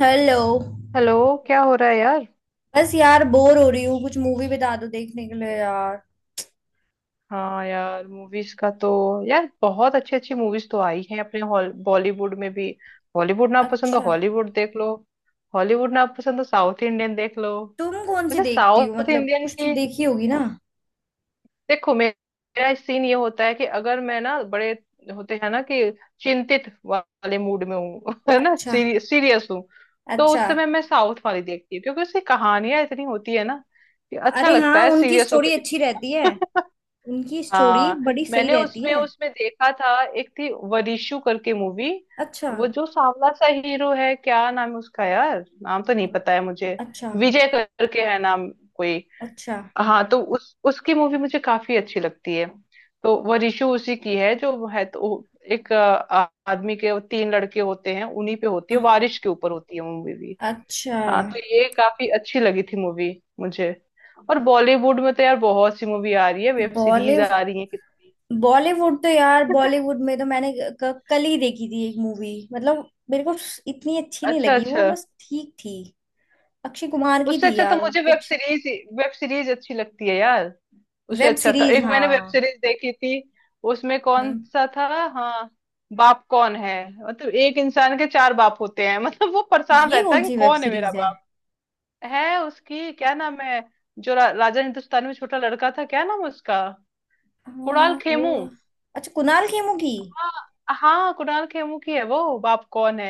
Hello. Hello. क्या हो रहा है यार। बस यार बोर हो रही हूँ, कुछ मूवी बता दो देखने के लिए यार। हाँ यार मूवीज का तो, यार बहुत अच्छी अच्छी मूवीज तो आई हैं अपने हॉल बॉलीवुड में भी। बॉलीवुड ना पसंद हो अच्छा। हॉलीवुड देख लो। हॉलीवुड ना पसंद हो साउथ इंडियन देख लो। तुम कौन सी वैसे देखती हो, साउथ मतलब इंडियन कुछ तो की, देखी होगी ना? देखो मेरा सीन ये होता है कि अगर मैं ना बड़े होते हैं ना कि चिंतित वाले मूड में हूँ है ना, अच्छा। सीरियस हूँ, तो अच्छा। उस समय मैं साउथ वाली देखती हूँ क्योंकि उसकी कहानियां इतनी होती है ना कि अच्छा अरे लगता हाँ, है उनकी सीरियस स्टोरी होकर। अच्छी रहती है। उनकी स्टोरी हाँ। बड़ी सही मैंने रहती उसमें है। उसमें देखा था, एक थी वरिशु करके मूवी। अच्छा। वो जो सांवला सा हीरो है, क्या नाम है उसका यार, नाम तो नहीं पता है मुझे। अच्छा। विजय करके है नाम कोई। अच्छा। हाँ, तो उस उसकी मूवी मुझे काफी अच्छी लगती है। तो वरिशु उसी की है, जो है तो वो एक आदमी के वो तीन लड़के होते हैं, उन्हीं पे होती है, बारिश के ऊपर होती है मूवी भी। अच्छा। हाँ तो ये काफी अच्छी लगी थी मूवी मुझे। और बॉलीवुड में तो यार बहुत सी मूवी आ रही है, वेब सीरीज बॉलीवुड। आ रही है कितनी। बॉलीवुड तो यार, बॉलीवुड में तो मैंने कल ही देखी थी एक मूवी, मतलब मेरे को इतनी अच्छी नहीं अच्छा लगी वो, अच्छा। बस ठीक थी। अक्षय कुमार की उससे थी अच्छा तो यार मुझे वेब कुछ। सीरीज, वेब सीरीज अच्छी लगती है यार। उससे वेब अच्छा था, सीरीज, एक मैंने वेब हाँ। सीरीज देखी थी। उसमें कौन हम्म। सा था। हाँ, बाप कौन है। मतलब एक इंसान के चार बाप होते हैं मतलब वो परेशान ये रहता है कौन कि सी वेब कौन है मेरा सीरीज है? बाप। है उसकी, क्या नाम है जो राजा हिंदुस्तान में छोटा लड़का था, क्या नाम है उसका। कुणाल हाँ। खेमू। होगा। अच्छा, कुणाल खेमू की। हाँ हाँ, कुणाल खेमू की है वो बाप कौन है।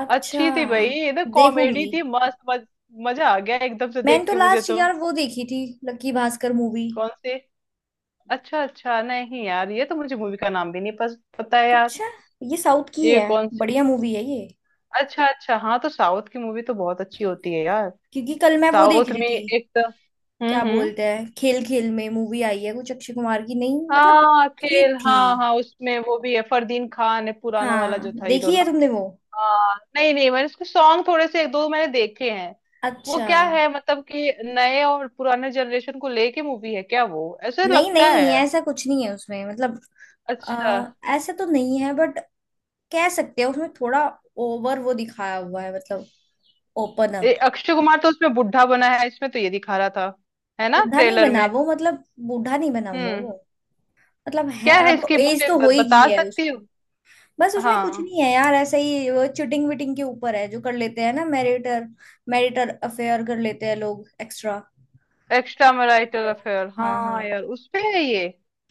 अच्छा। अच्छी थी भाई, एकदम कॉमेडी देखूंगी। थी, मस्त मजा आ गया एकदम से मैंने देख तो के मुझे लास्ट तो। यार वो देखी थी, लक्की भास्कर मूवी। कौन सी। अच्छा अच्छा, नहीं यार ये तो मुझे मूवी का नाम भी नहीं पता है यार। अच्छा। ये साउथ की ये है, कौन सी। बढ़िया मूवी है ये। अच्छा अच्छा, हाँ तो साउथ की मूवी तो बहुत अच्छी होती है यार। क्योंकि कल मैं वो देख साउथ रही में थी। एक तो क्या हम्म। बोलते हैं, खेल खेल में मूवी आई है कुछ अक्षय कुमार की, नहीं मतलब। हाँ ठीक खेल, थी। हाँ हाँ, उसमें वो भी है, फरदीन खान है पुराना वाला हाँ, जो था हीरो देखी है ना। तुमने वो? हाँ नहीं नहीं, मैंने उसके सॉन्ग थोड़े से एक दो मैंने देखे हैं। वो अच्छा। क्या है, मतलब कि नए और पुराने जनरेशन को लेके मूवी है क्या वो, ऐसे नहीं लगता नहीं, है। ऐसा कुछ नहीं है उसमें मतलब। अच्छा। आ, ऐसा तो नहीं है बट कह सकते हैं, उसमें थोड़ा ओवर वो दिखाया हुआ है मतलब। Open up. अक्षय कुमार तो उसमें बुढ़ा बना है, इसमें तो ये दिखा रहा था, है ना, बूढ़ा नहीं ट्रेलर बना में। वो, मतलब बूढ़ा नहीं बना हुआ वो। हम्म। मतलब है, क्या है अब इसकी, एज मुझे तो हो ही गई बता है सकती हो। उसकी। बस उसमें कुछ हाँ नहीं है यार, ऐसे ही वो चिटिंग विटिंग के ऊपर है, जो कर लेते हैं ना, मैरिटर मैरिटर अफेयर कर लेते हैं लोग, एक्स्ट्रा। एक्स्ट्रा मैरिटल अफेयर, हाँ हाँ हाँ। यार उसपे है ये।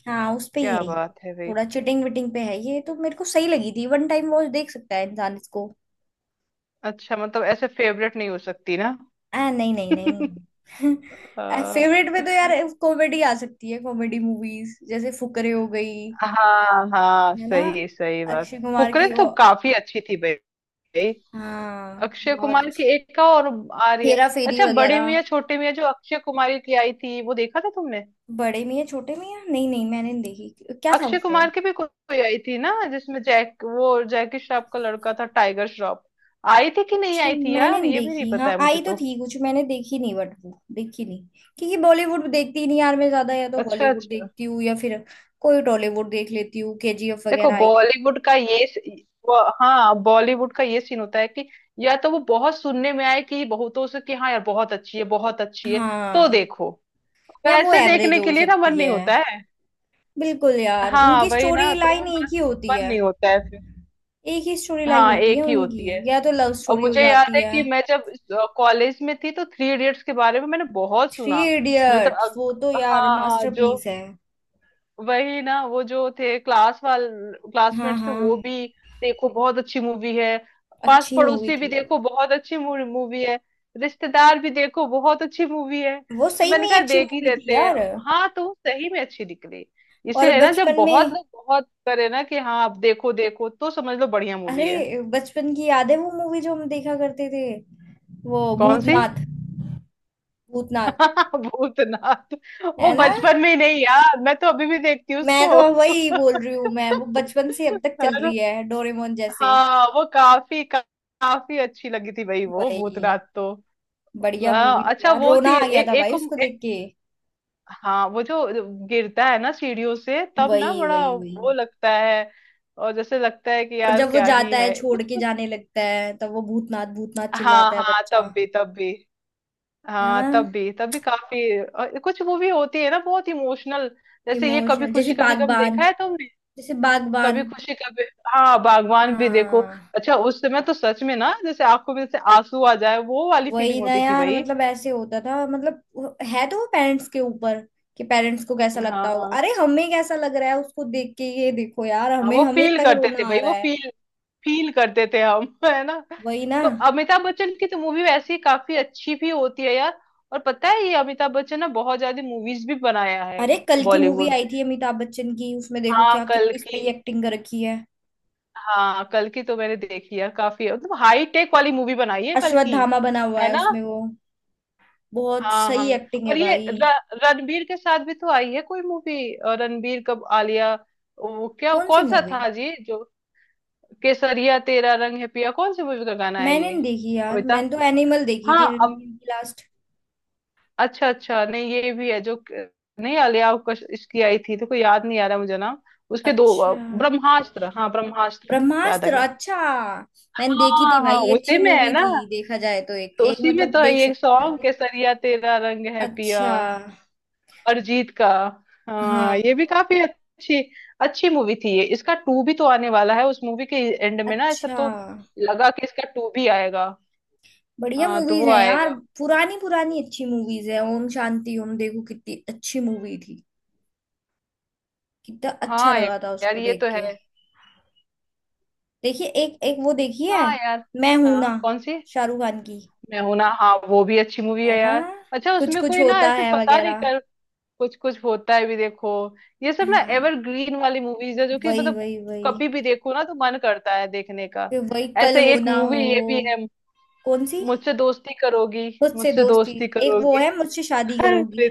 हाँ उस पे ही क्या है ये। बात है भाई। थोड़ा चिटिंग विटिंग पे है ये, तो मेरे को सही लगी थी, वन टाइम वॉच देख सकता है इंसान इसको। अच्छा मतलब ऐसे फेवरेट नहीं हो सकती ना। नहीं नहीं नहीं। अ, फेवरेट में तो यार कॉमेडी आ सकती है, कॉमेडी मूवीज जैसे फुकरे हो गई। हाँ हाँ है ना? सही सही बात, अक्षय कुमार फुकरे की तो ओ, काफी अच्छी थी भाई। हाँ, अक्षय बहुत कुमार की अच्छी। एक का और आ रही है। हेरा फेरी अच्छा बड़े वगैरह। मियाँ छोटे मियाँ जो अक्षय कुमारी की आई थी वो देखा था तुमने। बड़े मियां छोटे मियां, नहीं नहीं मैंने नहीं देखी, क्या था अक्षय उसमें? कुमार की भी कोई आई थी ना जिसमें जैक, वो जैकी श्रॉफ का लड़का था टाइगर श्रॉफ। आई थी कि नहीं अच्छा आई थी मैंने यार, नहीं ये भी नहीं देखी, पता हाँ है मुझे आई तो तो। थी कुछ, मैंने देखी नहीं बट वो देखी नहीं, क्योंकि बॉलीवुड देखती ही नहीं यार मैं ज्यादा, या तो अच्छा हॉलीवुड अच्छा। देखती हूँ या फिर कोई टॉलीवुड देख लेती हूँ, केजीएफ देखो वगैरह आई थी। बॉलीवुड का ये स- वो हाँ बॉलीवुड का ये सीन होता है कि या तो वो बहुत सुनने में आए कि बहुतों से कि हाँ यार बहुत अच्छी है, बहुत अच्छी है, तो हाँ देखो या वो वैसे एवरेज देखने के हो लिए ना मन सकती नहीं है। होता है। बिल्कुल यार, हाँ उनकी वही स्टोरी ना, तो वो लाइन एक मन ही होती मन है। नहीं होता है फिर। एक ही स्टोरी लाइन हाँ होती है एक ही होती है। उनकी, या तो लव और स्टोरी हो मुझे याद जाती है है। कि मैं जब कॉलेज में थी तो थ्री इडियट्स के बारे में मैंने बहुत थ्री सुना। जो तो इडियट्स, वो अग- तो यार हाँ जो मास्टरपीस है। वही ना, वो जो थे क्लास वाल, हाँ क्लासमेट्स थे हाँ। वो भी। देखो बहुत अच्छी मूवी है, पास अच्छी मूवी पड़ोसी भी थी वो। देखो बहुत अच्छी मूवी है, रिश्तेदार भी देखो बहुत अच्छी मूवी है, वो तो सही में मैंने ही कहा अच्छी देख ही मूवी थी लेते हैं। यार। हाँ तो सही में अच्छी निकली। और इसीलिए ना, जब बचपन बहुत में, लोग बहुत करे ना कि हाँ आप देखो देखो, तो समझ लो बढ़िया मूवी है। अरे बचपन की याद है वो मूवी जो हम देखा करते थे, वो कौन सी। भूतनाथ। भूतनाथ। भूतनाथ। वो है ना? बचपन में ही नहीं यार, मैं तो अभी भी देखती हूँ मैं तो उसको। वही बोल रही हूँ, मैं वो बचपन से अब तक है चल ना? रही है डोरेमोन जैसे। हाँ वो काफी अच्छी लगी थी भाई वो वही, भूतनाथ तो। बढ़िया मूवी हाँ थी अच्छा यार, वो रोना थी आ गया एक था एक, भाई उसको को- एक, देख के। हाँ वो जो गिरता है ना सीढ़ियों से, तब ना वही बड़ा वही वही। वो लगता है। और जैसे लगता है कि और यार जब वो क्या ही जाता है है, छोड़ कुछ के कुछ। जाने लगता है, तब वो भूतनाथ भूतनाथ हाँ चिल्लाता है हाँ बच्चा। तब भी तब भी, है हाँ ना? तब भी काफी, और कुछ मूवी होती है ना बहुत इमोशनल, जैसे ये कभी इमोशनल जैसे खुशी कभी गम बागबान। देखा है तुमने। जैसे बागबान। कभी खुशी कभी, हाँ बागवान भी देखो। हाँ। अच्छा उस समय तो सच में ना, जैसे आंखों में जैसे आंसू आ जाए वो वाली वही फीलिंग ना होती थी यार, भाई। मतलब ऐसे होता था मतलब है तो वो पेरेंट्स के ऊपर, कि पेरेंट्स को कैसा लगता होगा, हाँ अरे हमें कैसा लग रहा है उसको देख के, ये देखो यार हाँ हमें वो हमें फील तक करते थे रोना आ भाई, रहा वो है। फील फील करते थे हम है ना। वही ना। तो अमिताभ बच्चन की तो मूवी वैसे ही काफी अच्छी भी होती है यार। और पता है ये अमिताभ बच्चन ने बहुत ज्यादा मूवीज भी बनाया है अरे कल की मूवी बॉलीवुड आई में। थी अमिताभ बच्चन की, उसमें देखो हाँ क्या कल कितनी की, सही एक्टिंग कर रखी है। हाँ कल की तो मैंने देखी है, काफी मतलब हाई टेक वाली मूवी बनाई है कल की। अश्वत्थामा बना हुआ है है ना। उसमें वो। बहुत हाँ सही हाँ एक्टिंग है और ये भाई। रणबीर के साथ भी तो आई है कोई मूवी। रणबीर, कब आलिया, वो क्या कौन सी कौन सा मूवी? था जी जो केसरिया तेरा रंग है पिया, कौन सी मूवी का गाना है मैंने ये। नहीं देखी यार, मैंने अमिताभ, तो एनिमल देखी हाँ थी अब रणवीर की, लास्ट। अच्छा अच्छा नहीं ये भी है जो नहीं आलिया कश इसकी आई थी तो कोई याद नहीं आ रहा मुझे नाम। उसके दो अच्छा। ब्रह्मास्त्र, हाँ ब्रह्मास्त्र, याद आ ब्रह्मास्त्र, गया। अच्छा। मैंने देखी थी हाँ भाई, हाँ ये अच्छी उसी में है मूवी ना, थी, देखा जाए तो एक तो एक उसी में मतलब तो है देख ये सकते हैं। सॉन्ग केसरिया तेरा रंग है पिया, अच्छा। अरिजीत का। हाँ हाँ। ये भी काफी अच्छी, अच्छी मूवी थी ये। इसका टू भी तो आने वाला है, उस मूवी के एंड में ना ऐसा अच्छा। तो लगा कि इसका टू भी आएगा। बढ़िया हाँ तो मूवीज वो हैं यार। आएगा। पुरानी पुरानी अच्छी मूवीज है, ओम शांति ओम देखो कितनी अच्छी मूवी थी। कितना अच्छा हाँ या- लगा था यार उसको ये देख तो है। के। देखिए एक एक वो देखिए। हाँ यार। मैं हूं ना। हाँ कौन सी। शाहरुख खान की। मैं हूं ना, हाँ वो भी अच्छी मूवी है है ना? यार। अच्छा कुछ उसमें कुछ कोई ना होता ऐसे है पता नहीं वगैरह। कर, कुछ कुछ होता है भी देखो। ये सब ना हाँ। एवरग्रीन वाली मूवीज है, जो कि वही मतलब वही वही। कभी भी देखो ना तो मन करता है देखने का। फिर वही कल ऐसे एक होना मूवी हो। ये भी है, कौन सी? मुझसे दोस्ती करोगी, मुझसे मुझसे दोस्ती। दोस्ती एक वो करोगी। है, मुझसे शादी अरे करोगी।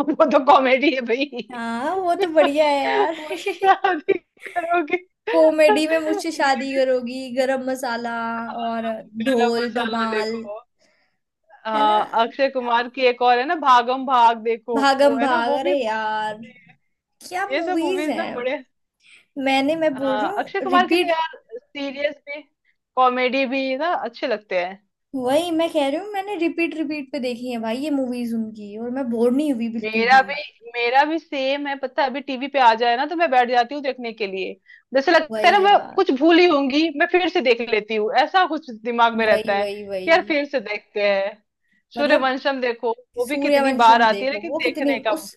वो तो कॉमेडी है भाई, हाँ वो तो बढ़िया है यार। मुझसे शादी करोगी कॉमेडी में मुझसे ये, शादी करोगी, गरम मसाला और गरम ढोल मसाला धमाल। देखो। है ना? अक्षय कुमार की एक और है ना, भागम भाग देखो वो भागम है ना भाग, वो अरे भी, यार क्या ये सब मूवीज मूवीज ना हैं। बड़े, मैं बोल रही हूँ अक्षय कुमार की तो रिपीट। यार सीरियस भी कॉमेडी भी ना अच्छे लगते हैं। वही मैं कह रही हूँ, मैंने रिपीट रिपीट पे देखी है भाई ये मूवीज उनकी, और मैं बोर नहीं हुई बिल्कुल मेरा भी। भी मेरा भी सेम है, पता है अभी टीवी पे आ जाए ना तो मैं बैठ जाती हूँ देखने के लिए। जैसे लगता है ना वही मैं यार। कुछ भूली होंगी, मैं फिर से देख लेती हूँ, ऐसा कुछ दिमाग में वही रहता है वही कि यार वही। फिर से देखते हैं। मतलब सूर्यवंशम देखो, वो भी कितनी बार सूर्यवंशम आती है देखो, लेकिन वो कितनी देखने का, उस।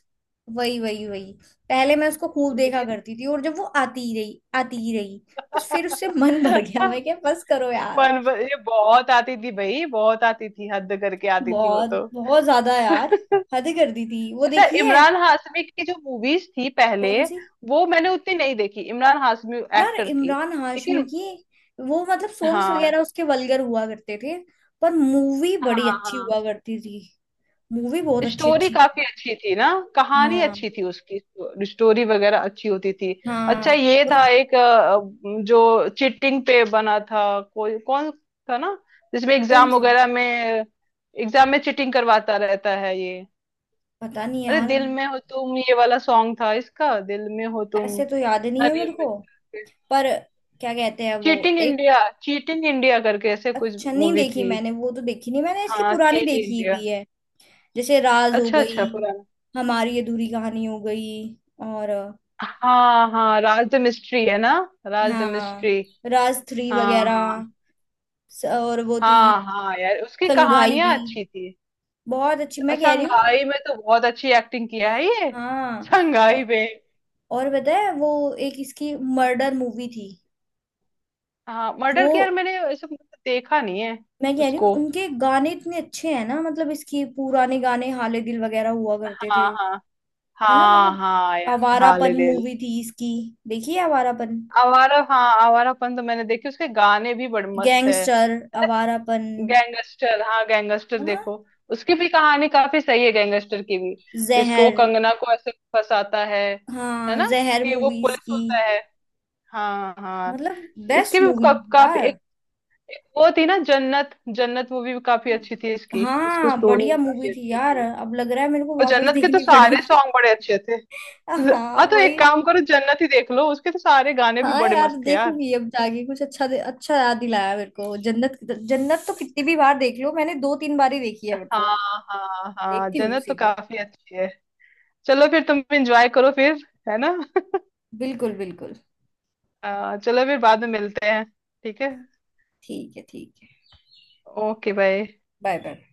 वही वही वही। पहले मैं उसको खूब देखा लेकिन करती थी, और जब वो आती ही रही आती ही रही, बस फिर उससे मन भर गया, मैं क्या बस करो यार। मन, ये बहुत आती थी भाई, बहुत आती थी, हद करके आती थी वो बहुत तो। बहुत ज्यादा यार। हद कर दी थी वो, अच्छा देखी है? इमरान हाशमी की जो मूवीज थी पहले, कौन सी? वो मैंने उतनी नहीं देखी इमरान हाशमी यार एक्टर की, इमरान हाशमी लेकिन, की वो, मतलब सॉन्ग्स हाँ वगैरह उसके वल्गर हुआ करते थे। पर मूवी हाँ बड़ी अच्छी हाँ, हुआ करती थी। मूवी बहुत अच्छी स्टोरी अच्छी है। काफी अच्छी थी ना। कहानी हाँ अच्छी थी उसकी, स्टोरी वगैरह अच्छी होती थी। अच्छा हाँ। ये और। था एक जो चीटिंग पे बना था, कोई कौन था ना जिसमें कौन एग्जाम सी? वगैरह में, एग्जाम में चीटिंग करवाता रहता है ये। पता नहीं अरे यार। दिल में हो तुम, ये वाला सॉन्ग था इसका, दिल में हो तुम ऐसे तो याद नहीं ना है मेरे को। remix। पर क्या कहते हैं वो। चीटिंग एक। इंडिया, चीटिंग इंडिया करके ऐसे कुछ अच्छा नहीं मूवी देखी थी। मैंने, वो तो देखी नहीं मैंने, इसकी हाँ पुरानी चीट देखी इंडिया। हुई है। जैसे राज हो अच्छा गई, अच्छा पुराना। हमारी अधूरी कहानी हो गई, और हाँ हाँ राज द मिस्ट्री है ना, राज द हाँ, मिस्ट्री। राज थ्री हाँ हाँ वगैरह। और वो थी हाँ हाँ यार उसकी संघाई भी, कहानियां अच्छी थी। बहुत अच्छी मैं कह रही हूँ। संघाई में तो बहुत अच्छी एक्टिंग किया है ये, हाँ। संघाई और। में। और पता है वो, एक इसकी मर्डर मूवी थी। हाँ वो मर्डर की, यार मैंने ऐसे मतलब देखा नहीं है मैं कह रही हूँ, उसको। उनके गाने इतने अच्छे हैं ना, मतलब इसकी पुराने गाने हाले दिल वगैरह हुआ करते थे। हाँ हाँ है ना? हाँ मतलब हाँ यार हाल ए आवारापन दिल। मूवी थी इसकी, देखिए आवारापन, आवारा, हाँ आवारापन तो मैंने देखी, उसके गाने भी बड़े मस्त है। गैंगस्टर आवारापन। गैंगस्टर, हाँ गैंगस्टर हाँ देखो, उसकी भी कहानी काफी सही है, गैंगस्टर की भी। जिसको वो जहर। कंगना को ऐसे फंसाता है हाँ ना, जहर कि वो मूवीज पुलिस की, होता है। हाँ हाँ, मतलब इसकी बेस्ट भी मूवी यार। एक वो थी ना जन्नत, जन्नत मूवी भी काफी अच्छी थी इसकी, उसकी हाँ स्टोरी बढ़िया भी मूवी काफी थी अच्छी यार, थी। अब लग रहा है मेरे को और वापस जन्नत के तो देखनी सारे पड़ेगी। सॉन्ग बड़े अच्छे थे। हाँ हाँ तो वही। एक काम करो जन्नत ही देख लो, उसके तो सारे गाने भी हाँ बड़े यार मस्त थे यार। देखूंगी, अब जाके कुछ अच्छा अच्छा याद दिलाया मेरे को, जन्नत। जन्नत तो कितनी भी बार देख लो, मैंने दो तीन बार ही देखी है मेरे को। हाँ हाँ हाँ, देखती हूँ जन्नत तो उसी को। काफी अच्छी है। चलो फिर तुम एंजॉय करो फिर, है ना। बिल्कुल बिल्कुल। चलो फिर बाद में मिलते हैं, ठीक है, ठीक है ठीक है। Okay bye. Bye bye.